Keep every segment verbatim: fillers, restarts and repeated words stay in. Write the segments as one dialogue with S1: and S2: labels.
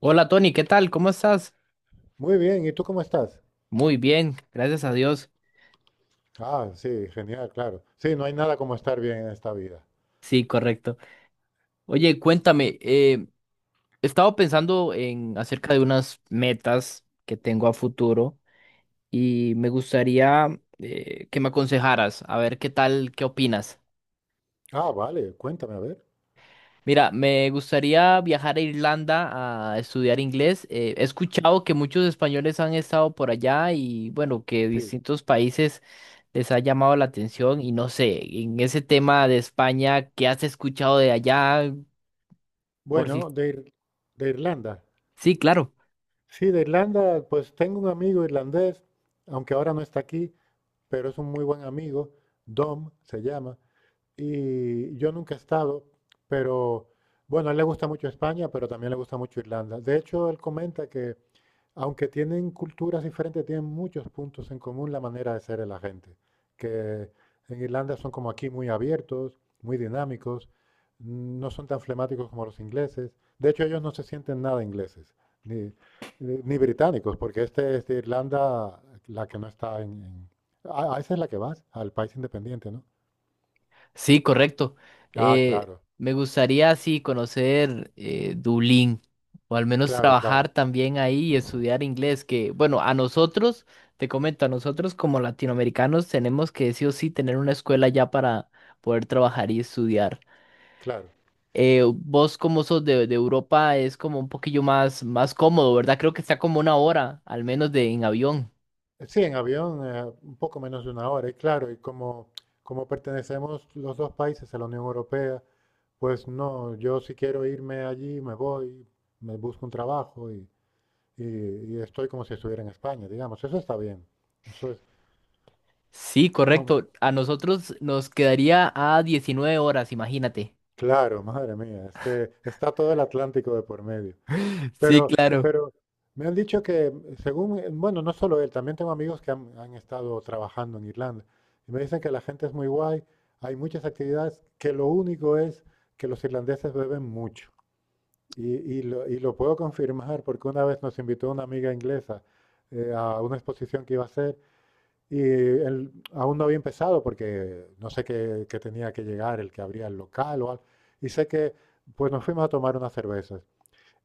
S1: Hola Tony, ¿qué tal? ¿Cómo estás?
S2: Muy bien, ¿y tú cómo estás?
S1: Muy bien, gracias a Dios.
S2: Ah, sí, genial, claro. Sí, no hay nada como estar bien en esta vida.
S1: Sí, correcto. Oye, cuéntame, eh, he estado pensando en acerca de unas metas que tengo a futuro y me gustaría eh, que me aconsejaras, a ver qué tal, qué opinas.
S2: Ah, vale, cuéntame, a ver.
S1: Mira, me gustaría viajar a Irlanda a estudiar inglés. Eh, he escuchado que muchos españoles han estado por allá y bueno, que
S2: Sí.
S1: distintos países les ha llamado la atención y no sé, en ese tema de España, ¿qué has escuchado de allá? Por si...
S2: Bueno, de, Ir- de Irlanda.
S1: Sí, claro.
S2: Sí, de Irlanda, pues tengo un amigo irlandés, aunque ahora no está aquí, pero es un muy buen amigo, Dom se llama, y yo nunca he estado, pero bueno, a él le gusta mucho España, pero también le gusta mucho Irlanda. De hecho, él comenta que aunque tienen culturas diferentes, tienen muchos puntos en común la manera de ser de la gente. Que en Irlanda son como aquí muy abiertos, muy dinámicos, no son tan flemáticos como los ingleses. De hecho, ellos no se sienten nada ingleses, ni, ni- ni británicos, porque este es de Irlanda, la que no está en... en- Ah, ah, esa es la que vas, al país independiente, ¿no?
S1: Sí, correcto.
S2: Ah,
S1: Eh,
S2: claro,
S1: Me gustaría, sí, conocer eh, Dublín, o al menos
S2: claro,
S1: trabajar
S2: claro,
S1: también ahí y estudiar inglés, que, bueno, a nosotros, te comento, a nosotros como latinoamericanos tenemos que sí o sí tener una escuela ya para poder trabajar y estudiar.
S2: claro.
S1: Eh, vos como sos de, de Europa es como un poquillo más, más cómodo, ¿verdad? Creo que está como una hora, al menos de en avión.
S2: Eh, Sí, en avión, eh, un poco menos de una hora, y claro, y como, como pertenecemos los dos países a la Unión Europea, pues no, yo si quiero irme allí, me voy, me busco un trabajo y, y- y estoy como si estuviera en España, digamos, eso está bien, eso es,
S1: Sí,
S2: no,
S1: correcto. A nosotros nos quedaría a diecinueve horas, imagínate.
S2: claro, madre mía, es que está todo el Atlántico de por medio.
S1: Sí,
S2: Pero,
S1: claro.
S2: pero me han dicho que, mm, según, eh, bueno, no solo él, también tengo amigos que han, han estado trabajando en Irlanda y me dicen que la gente es muy guay, hay muchas actividades, que lo único es que los irlandeses beben mucho. Y, y lo, y lo puedo confirmar porque una vez nos invitó una amiga inglesa eh, a una exposición que iba a hacer y él aún no había empezado porque no sé qué, qué tenía que llegar el que abría el local o algo. Y sé que, pues nos fuimos a tomar unas cervezas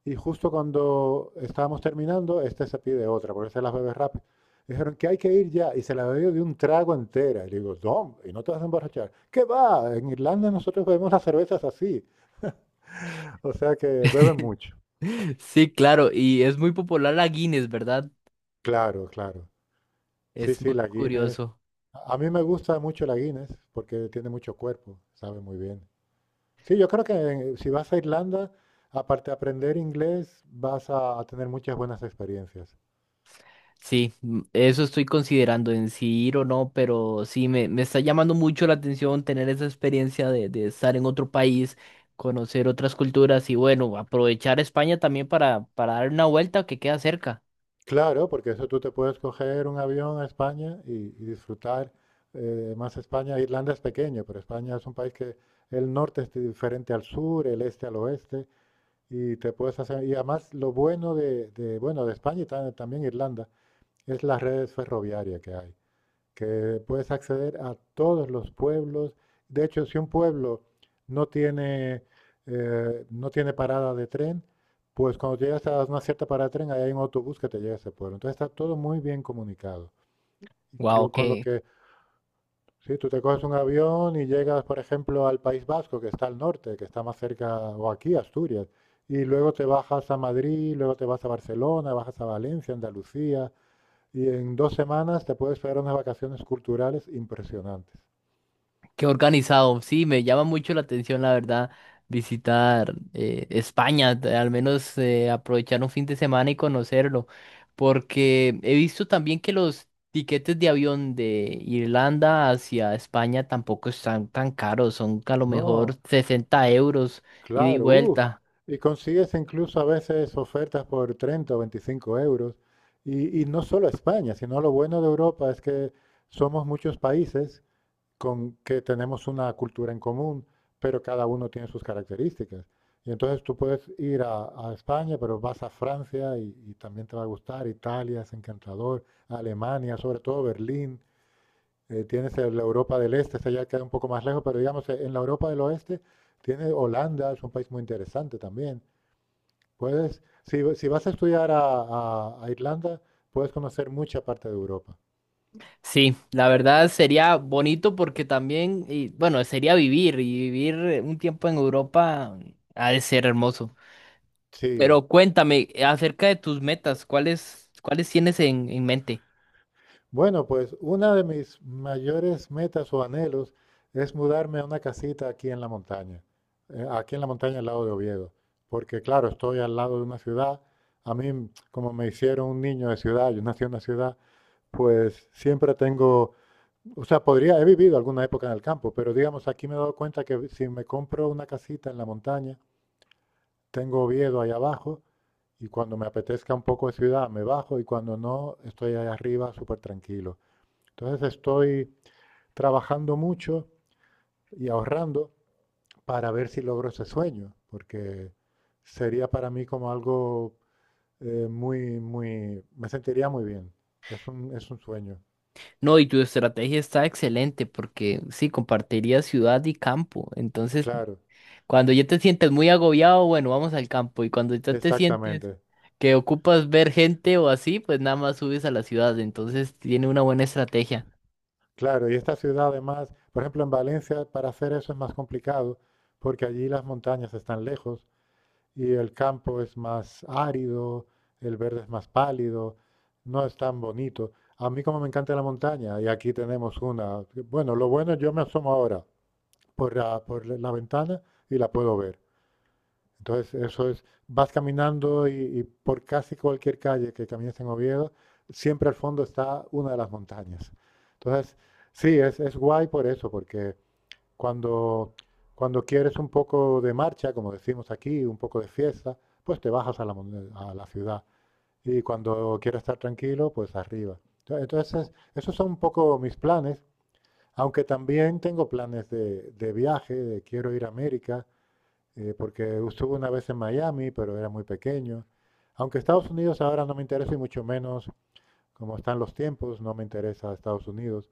S2: y justo cuando estábamos terminando, este se pide otra, porque se las bebe rápido. Dijeron que hay que ir ya, y se la bebió de un trago entera. Y le digo, no, y no te vas a emborrachar. ¿Qué va? En Irlanda nosotros bebemos las cervezas así. O sea que beben mucho.
S1: Sí, claro, y es muy popular la Guinness, ¿verdad?
S2: Claro, claro. Sí,
S1: Es
S2: sí,
S1: muy
S2: la Guinness.
S1: curioso.
S2: A mí me gusta mucho la Guinness porque tiene mucho cuerpo, sabe muy bien. Sí, yo creo que en- si vas a Irlanda, aparte de aprender inglés, vas a a tener muchas buenas experiencias.
S1: Sí, mm, eso estoy considerando en si ir o no, pero sí, me, me está llamando mucho la atención tener esa experiencia de, de estar en otro país, conocer otras culturas y bueno, aprovechar España también para, para dar una vuelta que queda cerca.
S2: Claro, porque eso tú te puedes coger un avión a España y, y disfrutar eh, más España. Irlanda es pequeño, pero España es un país que el norte es diferente al sur, el este al oeste, y te puedes hacer. Y además lo bueno de, de- bueno de España y ta- también Irlanda es las redes ferroviarias que hay que puedes acceder a todos los pueblos. De hecho, si un pueblo no tiene, eh, no tiene parada de tren, pues cuando llegas a una cierta parada de tren, ahí hay un autobús que te lleva a ese pueblo. Entonces está todo muy bien comunicado. Y
S1: Wow,
S2: clo- con lo que, si tú te coges un avión y llegas, por ejemplo, al País Vasco, que está al norte, que está más cerca, o aquí, Asturias, y luego te bajas a Madrid, luego te vas a Barcelona, bajas a Valencia, Andalucía, y en dos semanas te puedes pegar unas vacaciones culturales impresionantes.
S1: qué organizado, sí, me llama mucho la atención, la verdad, visitar eh, España, t- al menos eh, aprovechar un fin de semana y conocerlo, porque he visto también que los tiquetes de avión de Irlanda hacia España tampoco están tan caros, son a lo mejor
S2: No,
S1: sesenta euros ida y
S2: claro, uff.
S1: vuelta.
S2: Y consigues incluso a veces ofertas por treinta o veinticinco euros. Y, y no solo España, sino lo bueno de Europa es que somos muchos países con que tenemos una cultura en común, pero cada uno tiene sus características. Y entonces tú puedes ir a, a España, pero vas a Francia y, y también te va a gustar. Italia es encantador, Alemania, sobre todo Berlín. Eh, tienes eh, la Europa del Este, esa ya queda un poco más lejos, pero digamos, eh, en la Europa del Oeste tienes Holanda, es un país muy interesante también. Puedes, si, si vas a estudiar a, a- a Irlanda, puedes conocer mucha parte de Europa.
S1: Sí, la verdad sería bonito porque también, y, bueno, sería vivir y vivir eh, un tiempo en Europa ha de ser hermoso.
S2: Sí.
S1: Pero cuéntame eh, acerca de tus metas, ¿cuáles, cuáles tienes en, en mente?
S2: Bueno, pues una de mis mayores metas o anhelos es mudarme a una casita aquí en la montaña, eh, aquí en la montaña al lado de Oviedo, porque claro, estoy al lado de una ciudad. A mí, como me hicieron un niño de ciudad, yo nací en una ciudad, pues siempre tengo. O sea, podría, he vivido alguna época en el campo, pero digamos, aquí me he dado cuenta que si me compro una casita en la montaña, tengo Oviedo ahí abajo y cuando me apetezca un poco de ciudad me bajo y cuando no, estoy ahí arriba súper tranquilo. Entonces estoy trabajando mucho y ahorrando para ver si logro ese sueño, porque sería para mí como algo eh, muy, muy, me sentiría muy bien. Es un, es un sueño,
S1: No, y tu estrategia está excelente porque sí, compartiría ciudad y campo. Entonces,
S2: claro,
S1: cuando ya te sientes muy agobiado, bueno, vamos al campo. Y cuando ya te sientes
S2: exactamente.
S1: que ocupas ver gente o así, pues nada más subes a la ciudad. Entonces, tiene una buena estrategia.
S2: Claro, y esta ciudad además, por ejemplo, en Valencia para hacer eso es más complicado porque allí las montañas están lejos y el campo es más árido, el verde es más pálido, no es tan bonito. A mí como me encanta la montaña y aquí tenemos una, bueno, lo bueno yo me asomo ahora por la, por la ventana y la puedo ver. Entonces, eso es, vas caminando y, y por casi cualquier calle que camines en Oviedo, siempre al fondo está una de las montañas. Entonces, sí, es, es guay por eso, porque cuando, cuando quieres un poco de marcha, como decimos aquí, un poco de fiesta, pues te bajas a la, mon- a la ciudad. Y cuando quieres estar tranquilo, pues arriba. Ento- Entonces, esos son un poco mis planes, aunque también tengo planes de, de viaje, de quiero ir a América, eh, porque estuve una vez en Miami, pero era muy pequeño. Aunque Estados Unidos ahora no me interesa y mucho menos como están los tiempos, no me interesa Estados Unidos.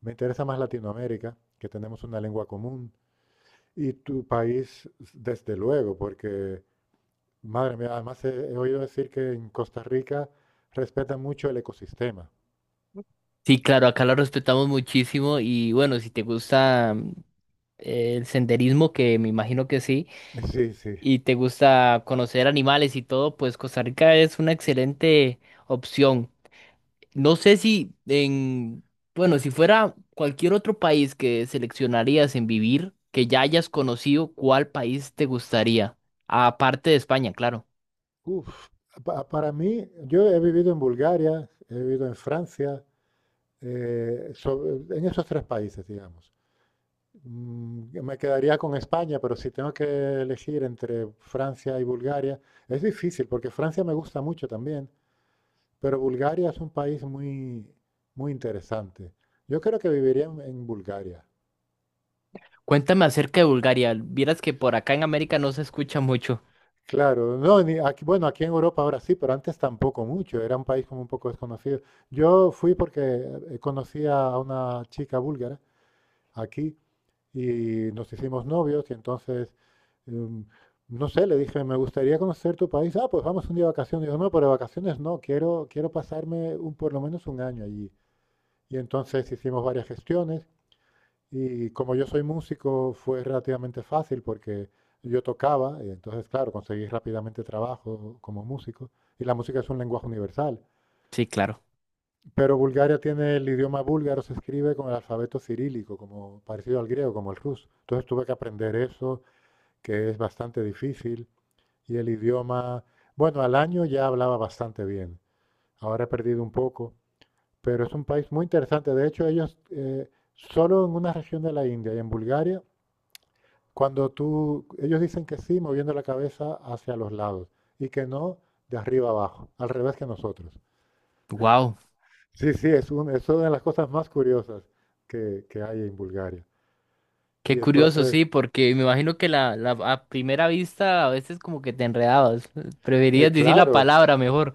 S2: Me interesa más Latinoamérica, que tenemos una lengua común. Y tu país, desde luego, porque, madre mía, además he, he oído decir que en Costa Rica respetan mucho el ecosistema.
S1: Sí, claro, acá lo respetamos muchísimo y bueno, si te gusta mm, el senderismo, que me imagino que sí.
S2: Sí, sí.
S1: Y te gusta conocer animales y todo, pues Costa Rica es una excelente opción. No sé si en, bueno, si fuera cualquier otro país que seleccionarías en vivir, que ya hayas conocido, ¿cuál país te gustaría? Aparte de España, claro.
S2: Uf, pa- para mí, yo he vivido en Bulgaria, he vivido en Francia, eh, so- en esos tres países, digamos. Mm, Me quedaría con España, pero si tengo que elegir entre Francia y Bulgaria, es difícil porque Francia me gusta mucho también, pero Bulgaria es un país muy, muy interesante. Yo creo que viviría en, en Bulgaria.
S1: Cuéntame acerca de Bulgaria. Vieras que por acá en América no se escucha mucho.
S2: Claro, no, ni aquí, bueno, aquí en Europa ahora sí, pero antes tampoco mucho, era un país como un poco desconocido. Yo fui porque eh, conocí a una chica búlgara aquí y nos hicimos novios y entonces, em, no sé, le dije, me gustaría conocer tu país. Ah, pues vamos un día de vacaciones. Digo, no, pero de vacaciones no, quiero, quiero pasarme un, por lo menos un año allí. Y entonces hicimos varias gestiones y como yo soy músico fue relativamente fácil porque yo tocaba y entonces, claro, conseguí rápidamente trabajo como músico. Y la música es un lenguaje universal.
S1: Sí, claro.
S2: Pero Bulgaria tiene el idioma búlgaro, se escribe con el alfabeto cirílico, como parecido al griego, como el ruso. Entonces tuve que aprender eso que es bastante difícil y el idioma, bueno, al año ya hablaba bastante bien, ahora he perdido un poco, pero es un país muy interesante. De hecho, ellos eh, solo en una región de la India y en Bulgaria, cuando tú, ellos dicen que sí, moviendo la cabeza hacia los lados y que no de arriba abajo, al revés que nosotros.
S1: Wow.
S2: Sí, sí, es, un- es una de las cosas más curiosas que, que hay en Bulgaria. Y
S1: Qué curioso,
S2: entonces,
S1: sí, porque me imagino que la, la a primera vista a veces como que te enredabas.
S2: eh,
S1: Preferías decir la
S2: claro,
S1: palabra mejor.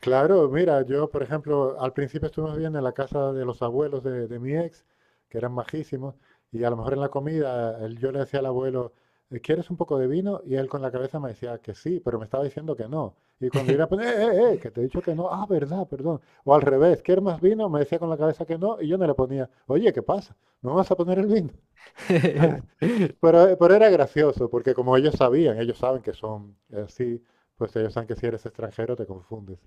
S2: Claro, mira, yo, por ejemplo, al principio estuvimos bien en la casa de los abuelos de, de mi ex, que eran majísimos, y a lo mejor en la comida él- yo le decía al abuelo, "Eh, ¿quieres un poco de vino?" Y él con la cabeza me decía que sí, pero me estaba diciendo que no. Y cuando yo le ponía, eh, eh, eh, que te he dicho que no, ah, verdad, perdón. O al revés, ¿quieres más vino? Me decía con la cabeza que no, y yo no le ponía, oye, ¿qué pasa? ¿No me vas a poner el vino? Entonces, pero, eh, pero era gracioso, porque como ellos sabían, ellos saben que son así, pues ellos saben que si eres extranjero te confundes.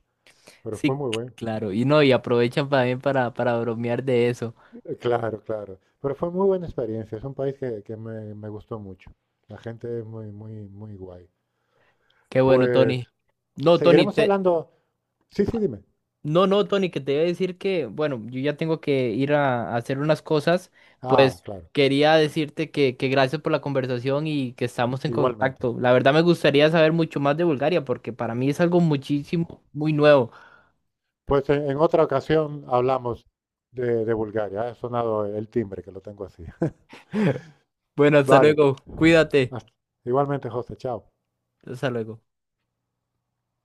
S2: Pero fue
S1: Sí,
S2: muy bueno.
S1: claro. Y no, y aprovechan también para, para bromear de eso.
S2: Eh, Claro, claro. Pero fue muy buena experiencia. Es un país que, que me, me gustó mucho. La gente es muy, muy, muy guay.
S1: Qué bueno,
S2: Pues
S1: Tony. No, Tony,
S2: seguiremos
S1: te...
S2: hablando. Sí, sí, dime.
S1: No, no, Tony, que te iba a decir que, bueno, yo ya tengo que ir a, a hacer unas cosas.
S2: Ah,
S1: Pues
S2: claro.
S1: quería decirte que, que gracias por la conversación y que estamos en
S2: Igualmente.
S1: contacto. La verdad me gustaría saber mucho más de Bulgaria porque para mí es algo muchísimo, muy nuevo.
S2: Pues en, en otra ocasión hablamos de, de Bulgaria. Ha sonado el timbre, que lo tengo así.
S1: Bueno, hasta
S2: Vale.
S1: luego. Cuídate.
S2: hasta- Igualmente, José. Chao.
S1: Hasta luego.